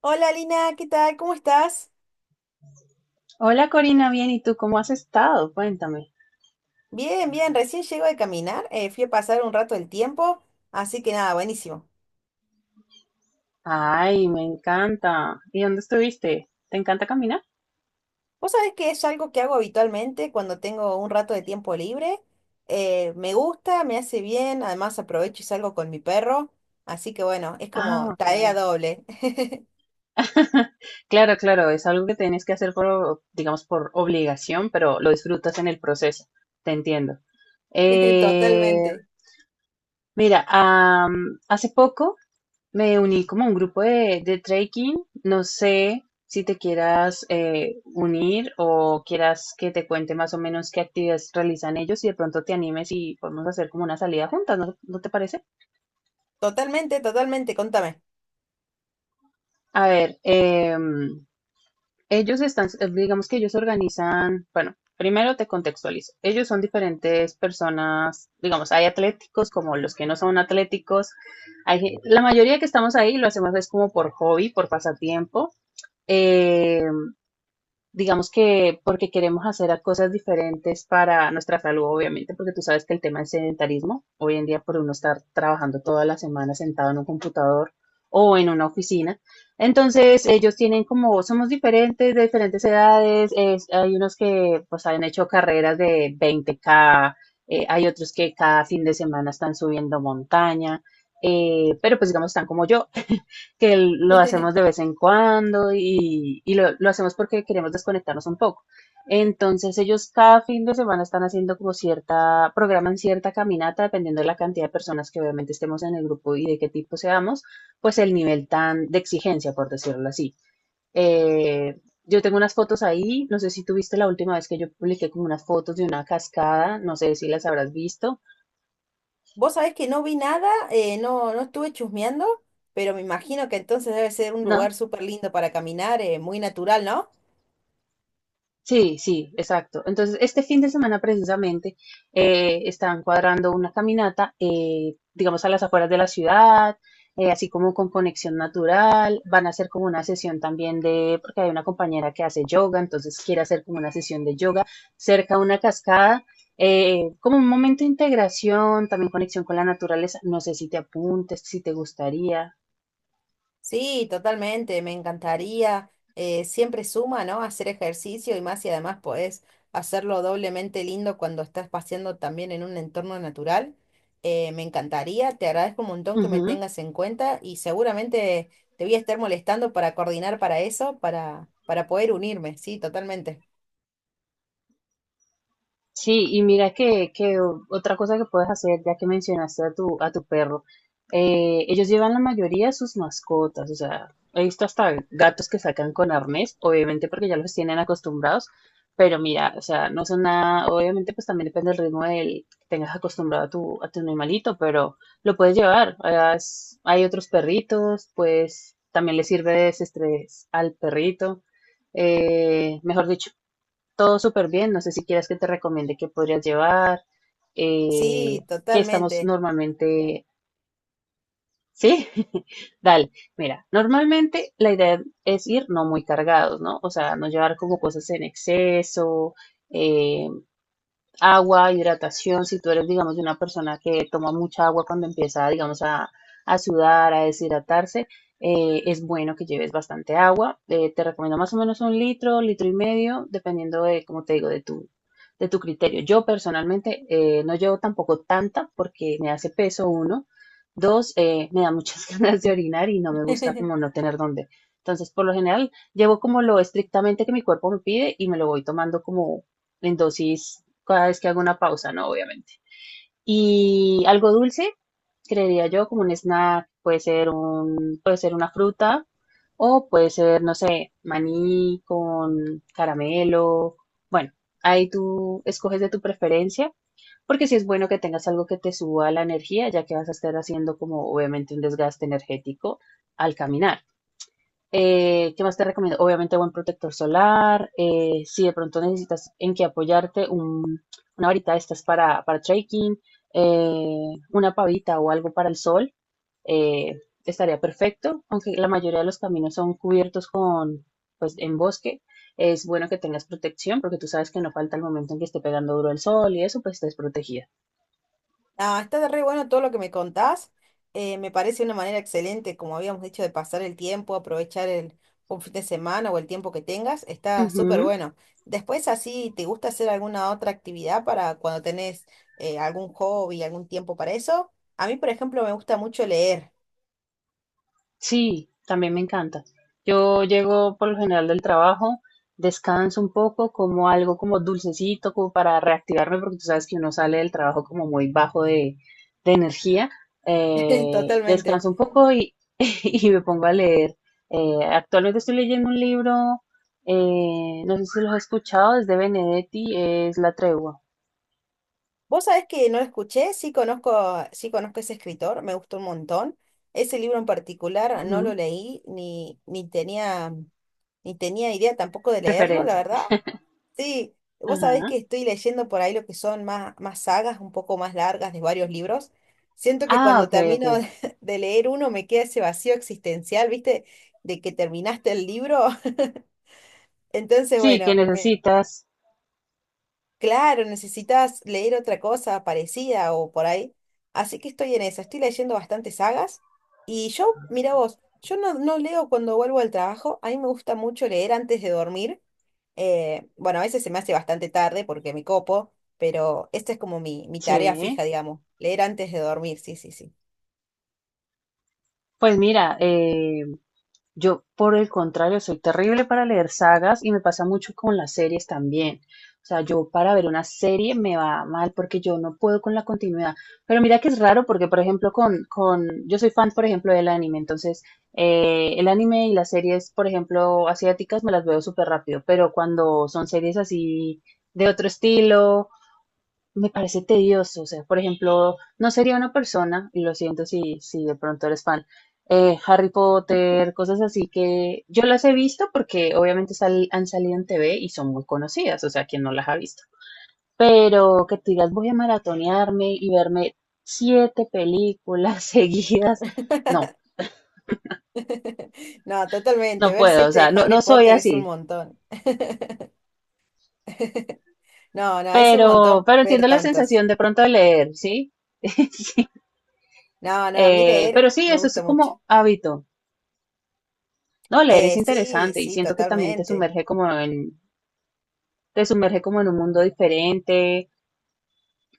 Hola Lina, ¿qué tal? ¿Cómo estás? Hola Corina, bien, ¿y tú cómo has estado? Cuéntame. Bien, bien, recién llego de caminar, fui a pasar un rato el tiempo, así que nada, buenísimo. Ay, me encanta. ¿Y dónde estuviste? ¿Te encanta caminar? Vos sabés que es algo que hago habitualmente cuando tengo un rato de tiempo libre, me gusta, me hace bien, además aprovecho y salgo con mi perro, así que bueno, es Ah, como ok. tarea doble. Claro, claro, es algo que tienes que hacer por, digamos, por obligación, pero lo disfrutas en el proceso. Te entiendo. Eh, Totalmente, Hace poco me uní como a un grupo de trekking. No sé si te quieras unir o quieras que te cuente más o menos qué actividades realizan ellos y de pronto te animes y podemos hacer como una salida juntas, ¿no te parece? totalmente, totalmente, contame. A ver, ellos están, digamos que ellos organizan, bueno, primero te contextualizo. Ellos son diferentes personas, digamos, hay atléticos como los que no son atléticos. La mayoría que estamos ahí lo hacemos es como por hobby, por pasatiempo. Em, digamos que porque queremos hacer a cosas diferentes para nuestra salud, obviamente, porque tú sabes que el tema del sedentarismo, hoy en día por uno estar trabajando toda la semana sentado en un computador o en una oficina, entonces ellos tienen como, somos diferentes, de diferentes edades, hay unos que pues han hecho carreras de 20K, hay otros que cada fin de semana están subiendo montaña, pero pues digamos están como yo, que lo hacemos de vez en cuando y lo hacemos porque queremos desconectarnos un poco. Entonces ellos cada fin de semana están haciendo programan cierta caminata dependiendo de la cantidad de personas que obviamente estemos en el grupo y de qué tipo seamos, pues el nivel tan de exigencia, por decirlo así. Yo tengo unas fotos ahí, no sé si tú viste la última vez que yo publiqué como unas fotos de una cascada, no sé si las habrás visto, Vos sabés que no vi nada, no, no estuve chusmeando, pero me imagino que entonces debe ser un lugar ¿no? súper lindo para caminar, muy natural, ¿no? Sí, sí, exacto. Entonces, este fin de semana precisamente están cuadrando una caminata, digamos, a las afueras de la ciudad, así como con conexión natural. Van a hacer como una sesión también de, porque hay una compañera que hace yoga, entonces quiere hacer como una sesión de yoga cerca de una cascada, como un momento de integración, también conexión con la naturaleza. No sé si te apuntes, si te gustaría. Sí, totalmente, me encantaría. Siempre suma, ¿no? Hacer ejercicio y más y además podés hacerlo doblemente lindo cuando estás paseando también en un entorno natural. Me encantaría, te agradezco un montón que me tengas en cuenta y seguramente te voy a estar molestando para coordinar para eso, para poder unirme, sí, totalmente. Sí, y mira que otra cosa que puedes hacer, ya que mencionaste a a tu perro, ellos llevan la mayoría de sus mascotas, o sea, he visto hasta gatos que sacan con arnés, obviamente porque ya los tienen acostumbrados, pero mira, o sea, no son nada, obviamente pues también depende del ritmo del que tengas acostumbrado a a tu animalito, pero lo puedes llevar, hay otros perritos, pues también le sirve de desestrés al perrito, mejor dicho, todo súper bien. No sé si quieres que te recomiende qué podrías llevar, eh, Sí, qué estamos totalmente. normalmente. Sí, dale. Mira, normalmente la idea es ir no muy cargados, ¿no? O sea, no llevar como cosas en exceso, eh, agua, hidratación, si tú eres, digamos, una persona que toma mucha agua cuando empieza, digamos, a sudar, a deshidratarse, es bueno que lleves bastante agua. Te recomiendo más o menos un litro, litro y medio, dependiendo de, como te digo, de de tu criterio. Yo personalmente no llevo tampoco tanta porque me hace peso uno. Dos, me da muchas ganas de orinar y no me gusta como no tener dónde. Entonces, por lo general, llevo como lo estrictamente que mi cuerpo me pide y me lo voy tomando como en dosis cada vez que hago una pausa, ¿no? Obviamente. Y algo dulce, creería yo, como un snack, puede ser puede ser una fruta o puede ser, no sé, maní con caramelo. Bueno, ahí tú escoges de tu preferencia, porque sí es bueno que tengas algo que te suba la energía, ya que vas a estar haciendo como obviamente un desgaste energético al caminar. ¿Qué más te recomiendo? Obviamente buen protector solar. Si de pronto necesitas en qué apoyarte, una varita de estas para trekking, una pavita o algo para el sol, eh, estaría perfecto. Aunque la mayoría de los caminos son cubiertos con, pues, en bosque, es bueno que tengas protección porque tú sabes que no falta el momento en que esté pegando duro el sol y eso, pues, estés protegida. Ah, está re bueno todo lo que me contás. Me parece una manera excelente, como habíamos dicho, de pasar el tiempo, aprovechar un fin de semana o el tiempo que tengas. Está súper Ujú. bueno. Después, así, ¿te gusta hacer alguna otra actividad para cuando tenés algún hobby, algún tiempo para eso? A mí, por ejemplo, me gusta mucho leer. Sí, también me encanta. Yo llego por lo general del trabajo, descanso un poco, como algo como dulcecito, como para reactivarme, porque tú sabes que uno sale del trabajo como muy bajo de energía. Totalmente. Descanso un poco y me pongo a leer. Actualmente estoy leyendo un libro, no sé si lo has escuchado, es de Benedetti, es La Tregua. Vos sabés que no lo escuché, sí conozco ese escritor, me gustó un montón. Ese libro en particular no lo Ujú, leí ni tenía. Ni tenía idea tampoco de leerlo, la referencia. verdad. Sí, vos sabés que Ajá. estoy leyendo por ahí lo que son más sagas, un poco más largas de varios libros. Siento que Ah, cuando ok, ok. termino de de leer uno me queda ese vacío existencial, ¿viste? De que terminaste el libro. Entonces, Sí, que bueno, me... necesitas. Claro, necesitas leer otra cosa parecida o por ahí. Así que estoy en eso, estoy leyendo bastantes sagas. Y yo, mira vos, yo no, no leo cuando vuelvo al trabajo, a mí me gusta mucho leer antes de dormir. Bueno, a veces se me hace bastante tarde porque me copo, pero esta es como mi tarea fija, Sí. digamos, leer antes de dormir, sí, sí, sí. Pues mira, yo por el contrario soy terrible para leer sagas y me pasa mucho con las series también. O sea, yo para ver una serie me va mal porque yo no puedo con la continuidad. Pero mira que es raro porque, por ejemplo, yo soy fan, por ejemplo, del anime. Entonces, el anime y las series, por ejemplo, asiáticas me las veo súper rápido. Pero cuando son series así de otro estilo me parece tedioso, o sea, por ejemplo, no sería una persona, y lo siento si de pronto eres fan, Harry Potter, cosas así que yo las he visto porque obviamente han salido en TV y son muy conocidas, o sea, quien no las ha visto. Pero que tú digas, voy a maratonearme y verme siete películas seguidas, no, No, totalmente, no ver puedo, o siete sea, de no, Harry no soy Potter es un así. montón. No, no, es un montón Pero ver entiendo la tantos. sensación de pronto de leer, ¿sí? Sí. No, no, a mí leer Pero sí, me eso es gusta mucho. como hábito. No, leer es Sí, interesante y sí, siento que también totalmente. Te sumerge como en un mundo diferente,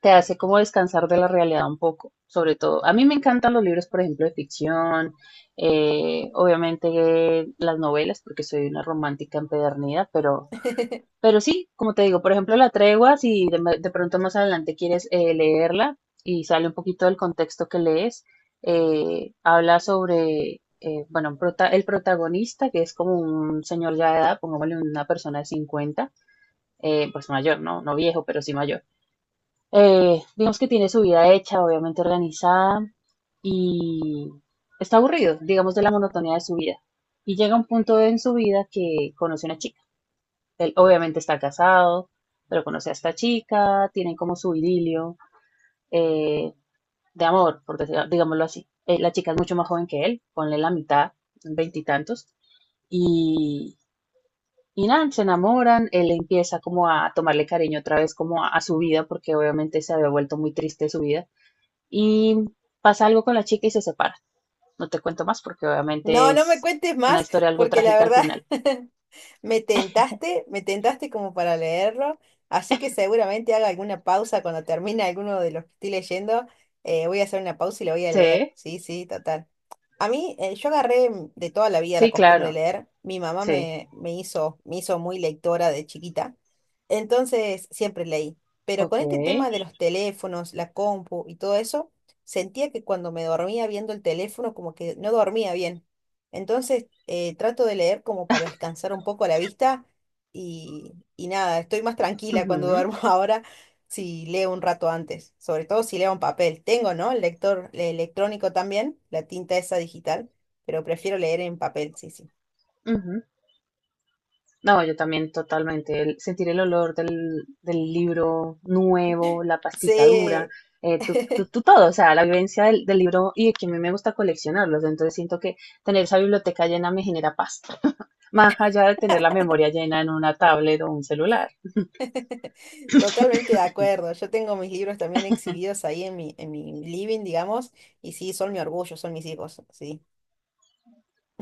te hace como descansar de la realidad un poco, sobre todo. A mí me encantan los libros, por ejemplo, de ficción, obviamente las novelas, porque soy una romántica empedernida, pero sí, como te digo, por ejemplo, la tregua, si de pronto más adelante quieres leerla y sale un poquito del contexto que lees, habla sobre, bueno, el protagonista, que es como un señor ya de edad, pongámosle una persona de 50, pues mayor, ¿no? No viejo, pero sí mayor. Digamos que tiene su vida hecha, obviamente organizada, y está aburrido, digamos, de la monotonía de su vida. Y llega un punto en su vida que conoce a una chica él obviamente está casado, pero conoce a esta chica, tienen como su idilio eh, de amor, digámoslo así. La chica es mucho más joven que él, ponle la mitad, veintitantos, y, y nada, se enamoran, él empieza como a tomarle cariño otra vez como a su vida, porque obviamente se había vuelto muy triste su vida, y pasa algo con la chica y se separan. No te cuento más porque No, obviamente no me es cuentes una más, historia algo porque la trágica al verdad... final. Me tentaste como para leerlo, así que seguramente haga alguna pausa cuando termine alguno de los que estoy leyendo. Voy a hacer una pausa y lo voy a leer. Sí, Sí, sí, total. A mí, yo agarré de toda la vida la sí, costumbre de claro, leer. Mi mamá sí, me hizo muy lectora de chiquita, entonces siempre leí. Pero con ok. este tema de los teléfonos, la compu y todo eso, sentía que cuando me dormía viendo el teléfono, como que no dormía bien. Entonces, trato de leer como para descansar un poco la vista y nada, estoy más tranquila cuando Ujú, duermo ahora si leo un rato antes, sobre todo si leo en papel. Tengo, ¿no? El lector el electrónico también, la tinta esa digital, pero prefiero leer en papel, sí, sí. ujú. No, yo también totalmente. Sentir el olor del, del libro nuevo, la pastita dura, Sí, tú todo, o sea, la vivencia del, del libro y que a mí me gusta coleccionarlos, entonces siento que tener esa biblioteca llena me genera paz, más allá de tener la memoria llena en una tablet o un celular. totalmente de acuerdo. Yo tengo mis libros también exhibidos ahí en mi living, digamos, y sí, son mi orgullo, son mis hijos, sí.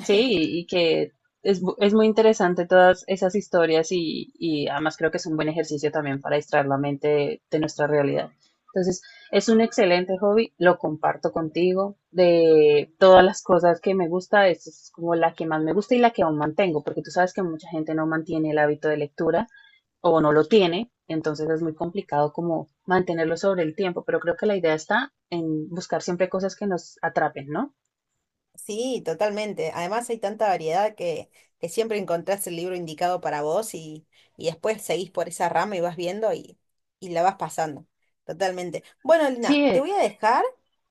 Sí, y que es, es muy interesante todas esas historias y además creo que es un buen ejercicio también para distraer la mente de nuestra realidad. Entonces, es un excelente hobby, lo comparto contigo. De todas las cosas que me gusta, esta es como la que más me gusta y la que aún mantengo, porque tú sabes que mucha gente no mantiene el hábito de lectura o no lo tiene, entonces es muy complicado como mantenerlo sobre el tiempo, pero creo que la idea está en buscar siempre cosas que nos atrapen, ¿no? Sí, totalmente. Además hay tanta variedad que siempre encontrás el libro indicado para vos y después seguís por esa rama y vas viendo y la vas pasando. Totalmente. Bueno, Lina, te Sí, voy a dejar.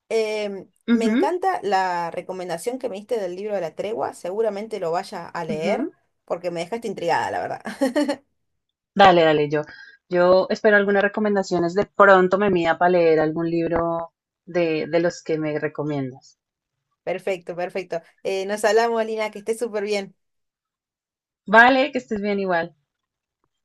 Me ujú, encanta la recomendación que me diste del libro de la tregua. Seguramente lo vaya a leer ujú. porque me dejaste intrigada, la verdad. Dale, dale, yo espero algunas recomendaciones. De pronto me mida para leer algún libro de los que me recomiendas. Perfecto, perfecto. Nos hablamos, Lina, que estés súper bien. Vale, que estés bien igual.